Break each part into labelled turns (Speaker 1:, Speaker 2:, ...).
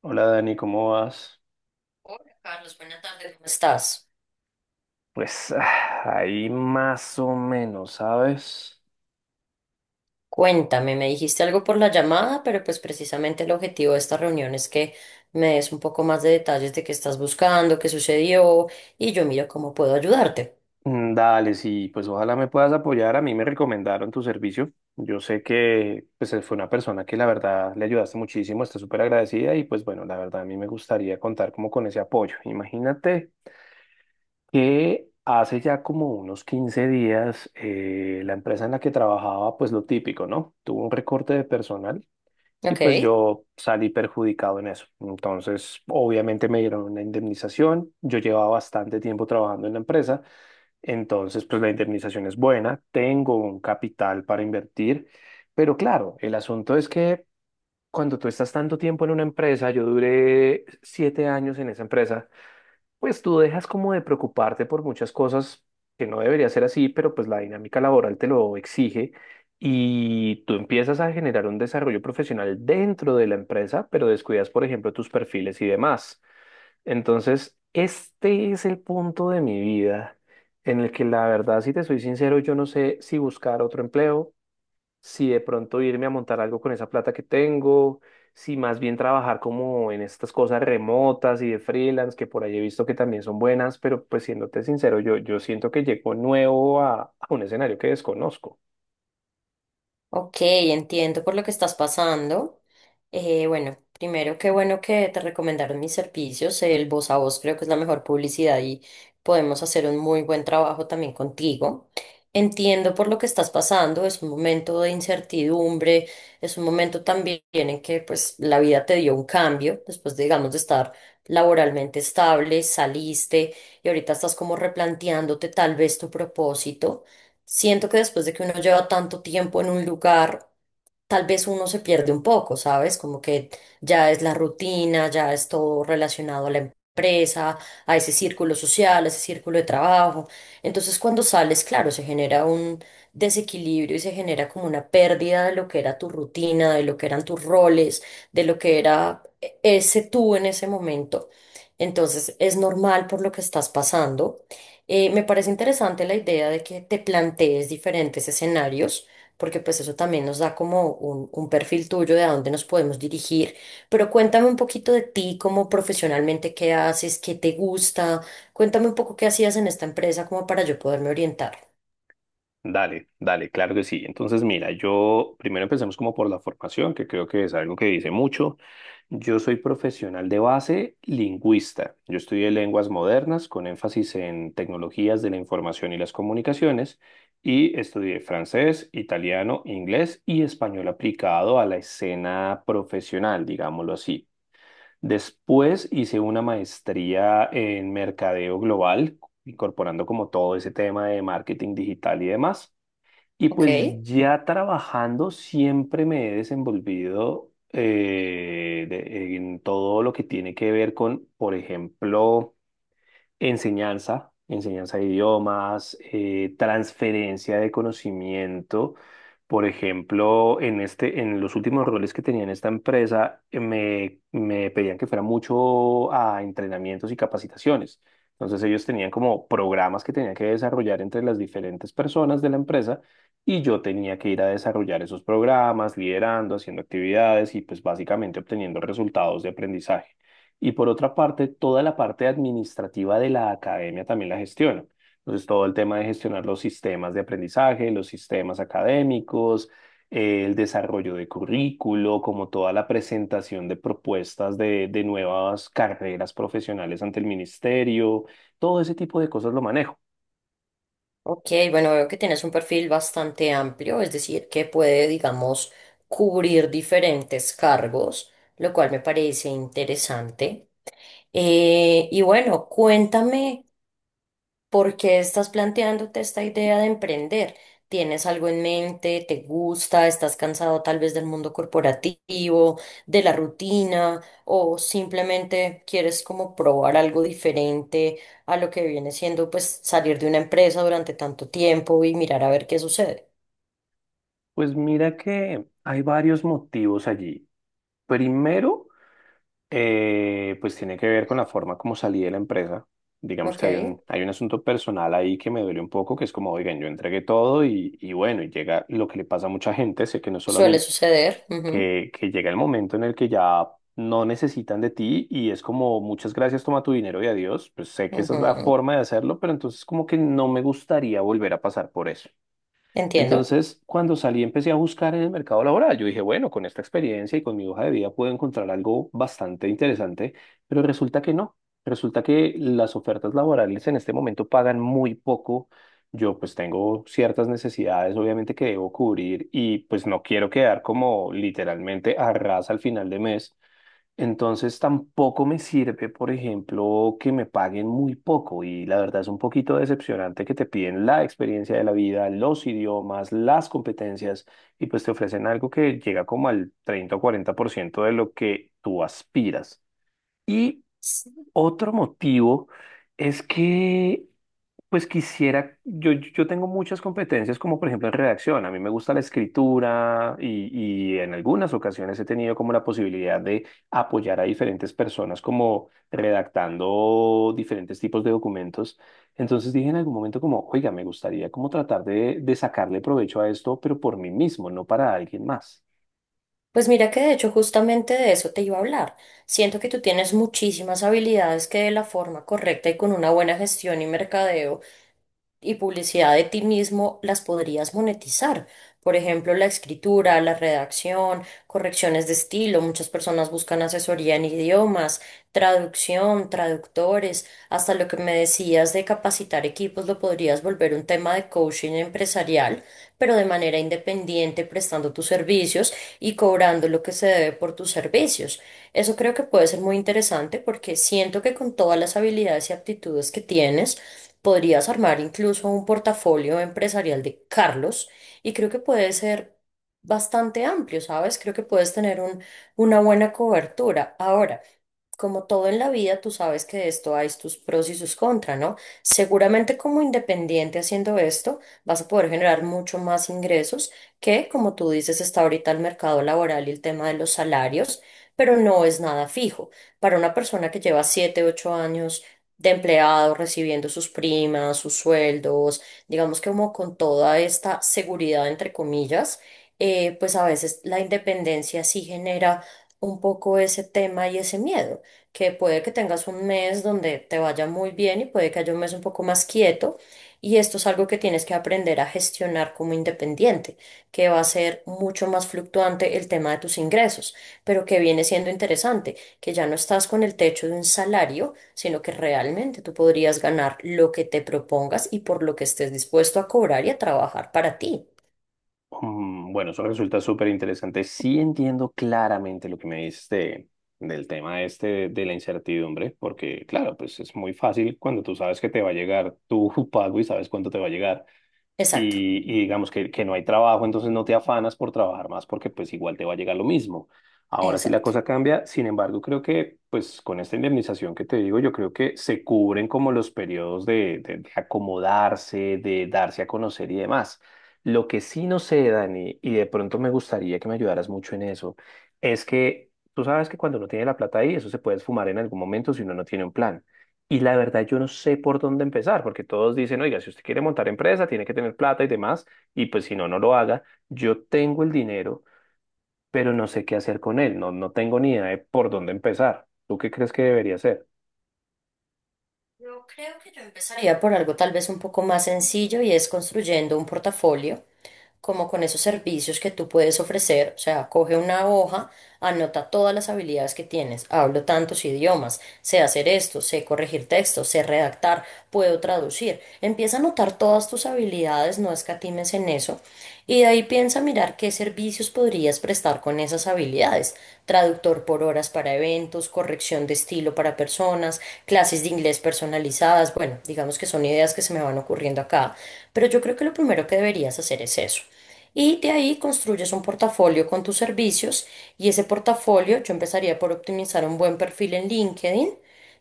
Speaker 1: Hola Dani, ¿cómo vas?
Speaker 2: Hola Carlos, buenas tardes, ¿cómo estás?
Speaker 1: Pues ahí más o menos, ¿sabes?
Speaker 2: Cuéntame, me dijiste algo por la llamada, pero pues precisamente el objetivo de esta reunión es que me des un poco más de detalles de qué estás buscando, qué sucedió y yo miro cómo puedo ayudarte.
Speaker 1: Mm, dale, sí, pues ojalá me puedas apoyar. A mí me recomendaron tu servicio. Yo sé que pues fue una persona que la verdad le ayudaste muchísimo, está súper agradecida y pues bueno, la verdad a mí me gustaría contar como con ese apoyo. Imagínate que hace ya como unos 15 días la empresa en la que trabajaba pues lo típico, ¿no? Tuvo un recorte de personal, y
Speaker 2: ¿Ok?
Speaker 1: pues yo salí perjudicado en eso. Entonces, obviamente me dieron una indemnización. Yo llevaba bastante tiempo trabajando en la empresa, entonces pues la indemnización es buena, tengo un capital para invertir, pero claro, el asunto es que cuando tú estás tanto tiempo en una empresa, yo duré 7 años en esa empresa. Pues tú dejas como de preocuparte por muchas cosas que no debería ser así, pero pues la dinámica laboral te lo exige y tú empiezas a generar un desarrollo profesional dentro de la empresa, pero descuidas, por ejemplo, tus perfiles y demás. Entonces, este es el punto de mi vida en el que la verdad, si te soy sincero, yo no sé si buscar otro empleo, si de pronto irme a montar algo con esa plata que tengo, si más bien trabajar como en estas cosas remotas y de freelance, que por ahí he visto que también son buenas, pero pues siéndote sincero, yo siento que llego nuevo a un escenario que desconozco.
Speaker 2: Ok, entiendo por lo que estás pasando. Bueno, primero, qué bueno que te recomendaron mis servicios. El voz a voz creo que es la mejor publicidad y podemos hacer un muy buen trabajo también contigo. Entiendo por lo que estás pasando. Es un momento de incertidumbre, es un momento también en que pues la vida te dio un cambio después, digamos, de estar laboralmente estable, saliste y ahorita estás como replanteándote tal vez tu propósito. Siento que después de que uno lleva tanto tiempo en un lugar, tal vez uno se pierde un poco, ¿sabes? Como que ya es la rutina, ya es todo relacionado a la empresa, a ese círculo social, a ese círculo de trabajo. Entonces, cuando sales, claro, se genera un desequilibrio y se genera como una pérdida de lo que era tu rutina, de lo que eran tus roles, de lo que era ese tú en ese momento. Entonces, es normal por lo que estás pasando. Me parece interesante la idea de que te plantees diferentes escenarios, porque pues eso también nos da como un perfil tuyo de a dónde nos podemos dirigir. Pero cuéntame un poquito de ti, como profesionalmente, qué haces, qué te gusta. Cuéntame un poco qué hacías en esta empresa como para yo poderme orientar.
Speaker 1: Dale, dale, claro que sí. Entonces, mira, yo primero empecemos como por la formación, que creo que es algo que dice mucho. Yo soy profesional de base lingüista. Yo estudié lenguas modernas con énfasis en tecnologías de la información y las comunicaciones y estudié francés, italiano, inglés y español aplicado a la escena profesional, digámoslo así. Después hice una maestría en mercadeo global, incorporando como todo ese tema de marketing digital y demás. Y
Speaker 2: Ok,
Speaker 1: pues ya trabajando siempre me he desenvolvido en todo lo que tiene que ver con, por ejemplo, enseñanza, enseñanza de idiomas, transferencia de conocimiento. Por ejemplo, en los últimos roles que tenía en esta empresa, me pedían que fuera mucho a entrenamientos y capacitaciones. Entonces ellos tenían como programas que tenían que desarrollar entre las diferentes personas de la empresa y yo tenía que ir a desarrollar esos programas, liderando, haciendo actividades y pues básicamente obteniendo resultados de aprendizaje. Y por otra parte, toda la parte administrativa de la academia también la gestiona. Entonces, todo el tema de gestionar los sistemas de aprendizaje, los sistemas académicos, el desarrollo de currículo, como toda la presentación de propuestas de nuevas carreras profesionales ante el ministerio, todo ese tipo de cosas lo manejo.
Speaker 2: ok, bueno, veo que tienes un perfil bastante amplio, es decir, que puede, digamos, cubrir diferentes cargos, lo cual me parece interesante. Y bueno, cuéntame. ¿Por qué estás planteándote esta idea de emprender? ¿Tienes algo en mente? ¿Te gusta? ¿Estás cansado tal vez del mundo corporativo, de la rutina? ¿O simplemente quieres como probar algo diferente a lo que viene siendo pues salir de una empresa durante tanto tiempo y mirar a ver qué sucede?
Speaker 1: Pues mira que hay varios motivos allí. Primero, pues tiene que ver con la forma como salí de la empresa. Digamos
Speaker 2: Ok,
Speaker 1: que hay hay un asunto personal ahí que me duele un poco, que es como, oigan, yo entregué todo y bueno, y llega lo que le pasa a mucha gente, sé que no solo a
Speaker 2: suele
Speaker 1: mí,
Speaker 2: suceder. Ujú,
Speaker 1: que llega el momento en el que ya no necesitan de ti y es como, muchas gracias, toma tu dinero y adiós. Pues sé que esa es la
Speaker 2: ujú.
Speaker 1: forma de hacerlo, pero entonces como que no me gustaría volver a pasar por eso.
Speaker 2: Entiendo.
Speaker 1: Entonces, cuando salí, empecé a buscar en el mercado laboral. Yo dije, bueno, con esta experiencia y con mi hoja de vida puedo encontrar algo bastante interesante, pero resulta que no. Resulta que las ofertas laborales en este momento pagan muy poco. Yo pues tengo ciertas necesidades, obviamente, que debo cubrir y pues no quiero quedar como literalmente a ras al final de mes. Entonces tampoco me sirve, por ejemplo, que me paguen muy poco y la verdad es un poquito decepcionante que te piden la experiencia de la vida, los idiomas, las competencias y pues te ofrecen algo que llega como al 30 o 40% de lo que tú aspiras. Y otro motivo es que pues quisiera, yo tengo muchas competencias, como por ejemplo en redacción. A mí me gusta la escritura y en algunas ocasiones he tenido como la posibilidad de apoyar a diferentes personas como redactando diferentes tipos de documentos. Entonces dije en algún momento como, oiga, me gustaría como tratar de sacarle provecho a esto, pero por mí mismo, no para alguien más.
Speaker 2: Pues mira que de hecho justamente de eso te iba a hablar. Siento que tú tienes muchísimas habilidades que de la forma correcta y con una buena gestión y mercadeo y publicidad de ti mismo las podrías monetizar. Por ejemplo, la escritura, la redacción, correcciones de estilo. Muchas personas buscan asesoría en idiomas, traducción, traductores. Hasta lo que me decías de capacitar equipos lo podrías volver un tema de coaching empresarial, pero de manera independiente, prestando tus servicios y cobrando lo que se debe por tus servicios. Eso creo que puede ser muy interesante porque siento que con todas las habilidades y aptitudes que tienes, podrías armar incluso un portafolio empresarial de Carlos y creo que puede ser bastante amplio, ¿sabes? Creo que puedes tener una buena cobertura. Ahora, como todo en la vida, tú sabes que de esto hay tus pros y sus contras, ¿no? Seguramente como independiente haciendo esto, vas a poder generar mucho más ingresos que, como tú dices, está ahorita el mercado laboral y el tema de los salarios, pero no es nada fijo. Para una persona que lleva 7 u 8 años de empleado, recibiendo sus primas, sus sueldos, digamos que como con toda esta seguridad, entre comillas, pues a veces la independencia sí genera un poco ese tema y ese miedo, que puede que tengas un mes donde te vaya muy bien y puede que haya un mes un poco más quieto. Y esto es algo que tienes que aprender a gestionar como independiente, que va a ser mucho más fluctuante el tema de tus ingresos, pero que viene siendo interesante, que ya no estás con el techo de un salario, sino que realmente tú podrías ganar lo que te propongas y por lo que estés dispuesto a cobrar y a trabajar para ti.
Speaker 1: Mm, bueno, eso resulta súper interesante. Sí entiendo claramente lo que me dices del tema este de la incertidumbre, porque claro, pues es muy fácil cuando tú sabes que te va a llegar tu pago y sabes cuánto te va a llegar
Speaker 2: Exacto,
Speaker 1: y digamos que no hay trabajo, entonces no te afanas por trabajar más porque pues igual te va a llegar lo mismo. Ahora sí la
Speaker 2: exacto.
Speaker 1: cosa cambia, sin embargo, creo que pues con esta indemnización que te digo, yo creo que se cubren como los periodos de acomodarse, de darse a conocer y demás. Lo que sí no sé, Dani, y de pronto me gustaría que me ayudaras mucho en eso, es que tú sabes que cuando uno tiene la plata ahí, eso se puede esfumar en algún momento si uno no tiene un plan. Y la verdad, yo no sé por dónde empezar, porque todos dicen, oiga, si usted quiere montar empresa, tiene que tener plata y demás, y pues si no, no lo haga. Yo tengo el dinero, pero no sé qué hacer con él, no, no tengo ni idea de por dónde empezar. ¿Tú qué crees que debería hacer?
Speaker 2: Yo creo que yo empezaría por algo tal vez un poco más sencillo y es construyendo un portafolio, como con esos servicios que tú puedes ofrecer. O sea, coge una hoja, anota todas las habilidades que tienes. Hablo tantos idiomas, sé hacer esto, sé corregir textos, sé redactar, puedo traducir. Empieza a anotar todas tus habilidades, no escatimes en eso. Y de ahí piensa mirar qué servicios podrías prestar con esas habilidades. Traductor por horas para eventos, corrección de estilo para personas, clases de inglés personalizadas. Bueno, digamos que son ideas que se me van ocurriendo acá. Pero yo creo que lo primero que deberías hacer es eso. Y de ahí construyes un portafolio con tus servicios y ese portafolio yo empezaría por optimizar un buen perfil en LinkedIn.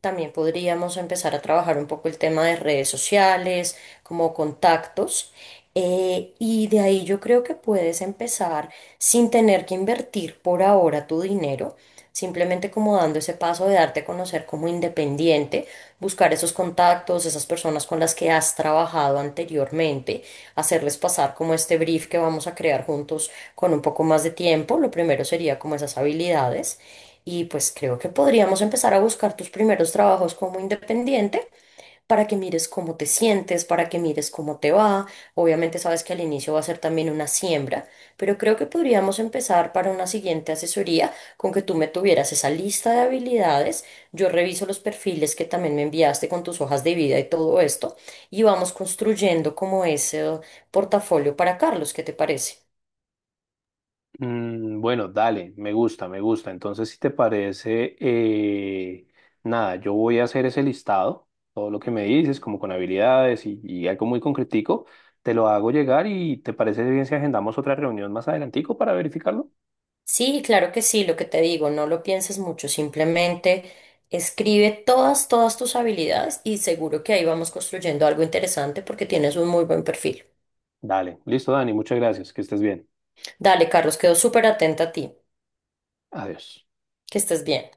Speaker 2: También podríamos empezar a trabajar un poco el tema de redes sociales, como contactos. Y de ahí yo creo que puedes empezar sin tener que invertir por ahora tu dinero, simplemente como dando ese paso de darte a conocer como independiente, buscar esos contactos, esas personas con las que has trabajado anteriormente, hacerles pasar como este brief que vamos a crear juntos con un poco más de tiempo. Lo primero sería como esas habilidades. Y pues creo que podríamos empezar a buscar tus primeros trabajos como independiente para que mires cómo te sientes, para que mires cómo te va. Obviamente sabes que al inicio va a ser también una siembra, pero creo que podríamos empezar para una siguiente asesoría con que tú me tuvieras esa lista de habilidades. Yo reviso los perfiles que también me enviaste con tus hojas de vida y todo esto y vamos construyendo como ese portafolio para Carlos. ¿Qué te parece?
Speaker 1: Mm, bueno, dale, me gusta, me gusta. Entonces, si te parece, nada, yo voy a hacer ese listado, todo lo que me dices, como con habilidades y algo muy concretico, te lo hago llegar y ¿te parece bien si agendamos otra reunión más adelantico para verificarlo?
Speaker 2: Sí, claro que sí, lo que te digo, no lo pienses mucho, simplemente escribe todas, todas tus habilidades y seguro que ahí vamos construyendo algo interesante porque tienes un muy buen perfil.
Speaker 1: Dale, listo, Dani, muchas gracias, que estés bien.
Speaker 2: Dale, Carlos, quedo súper atenta a ti.
Speaker 1: Adiós.
Speaker 2: Que estés bien.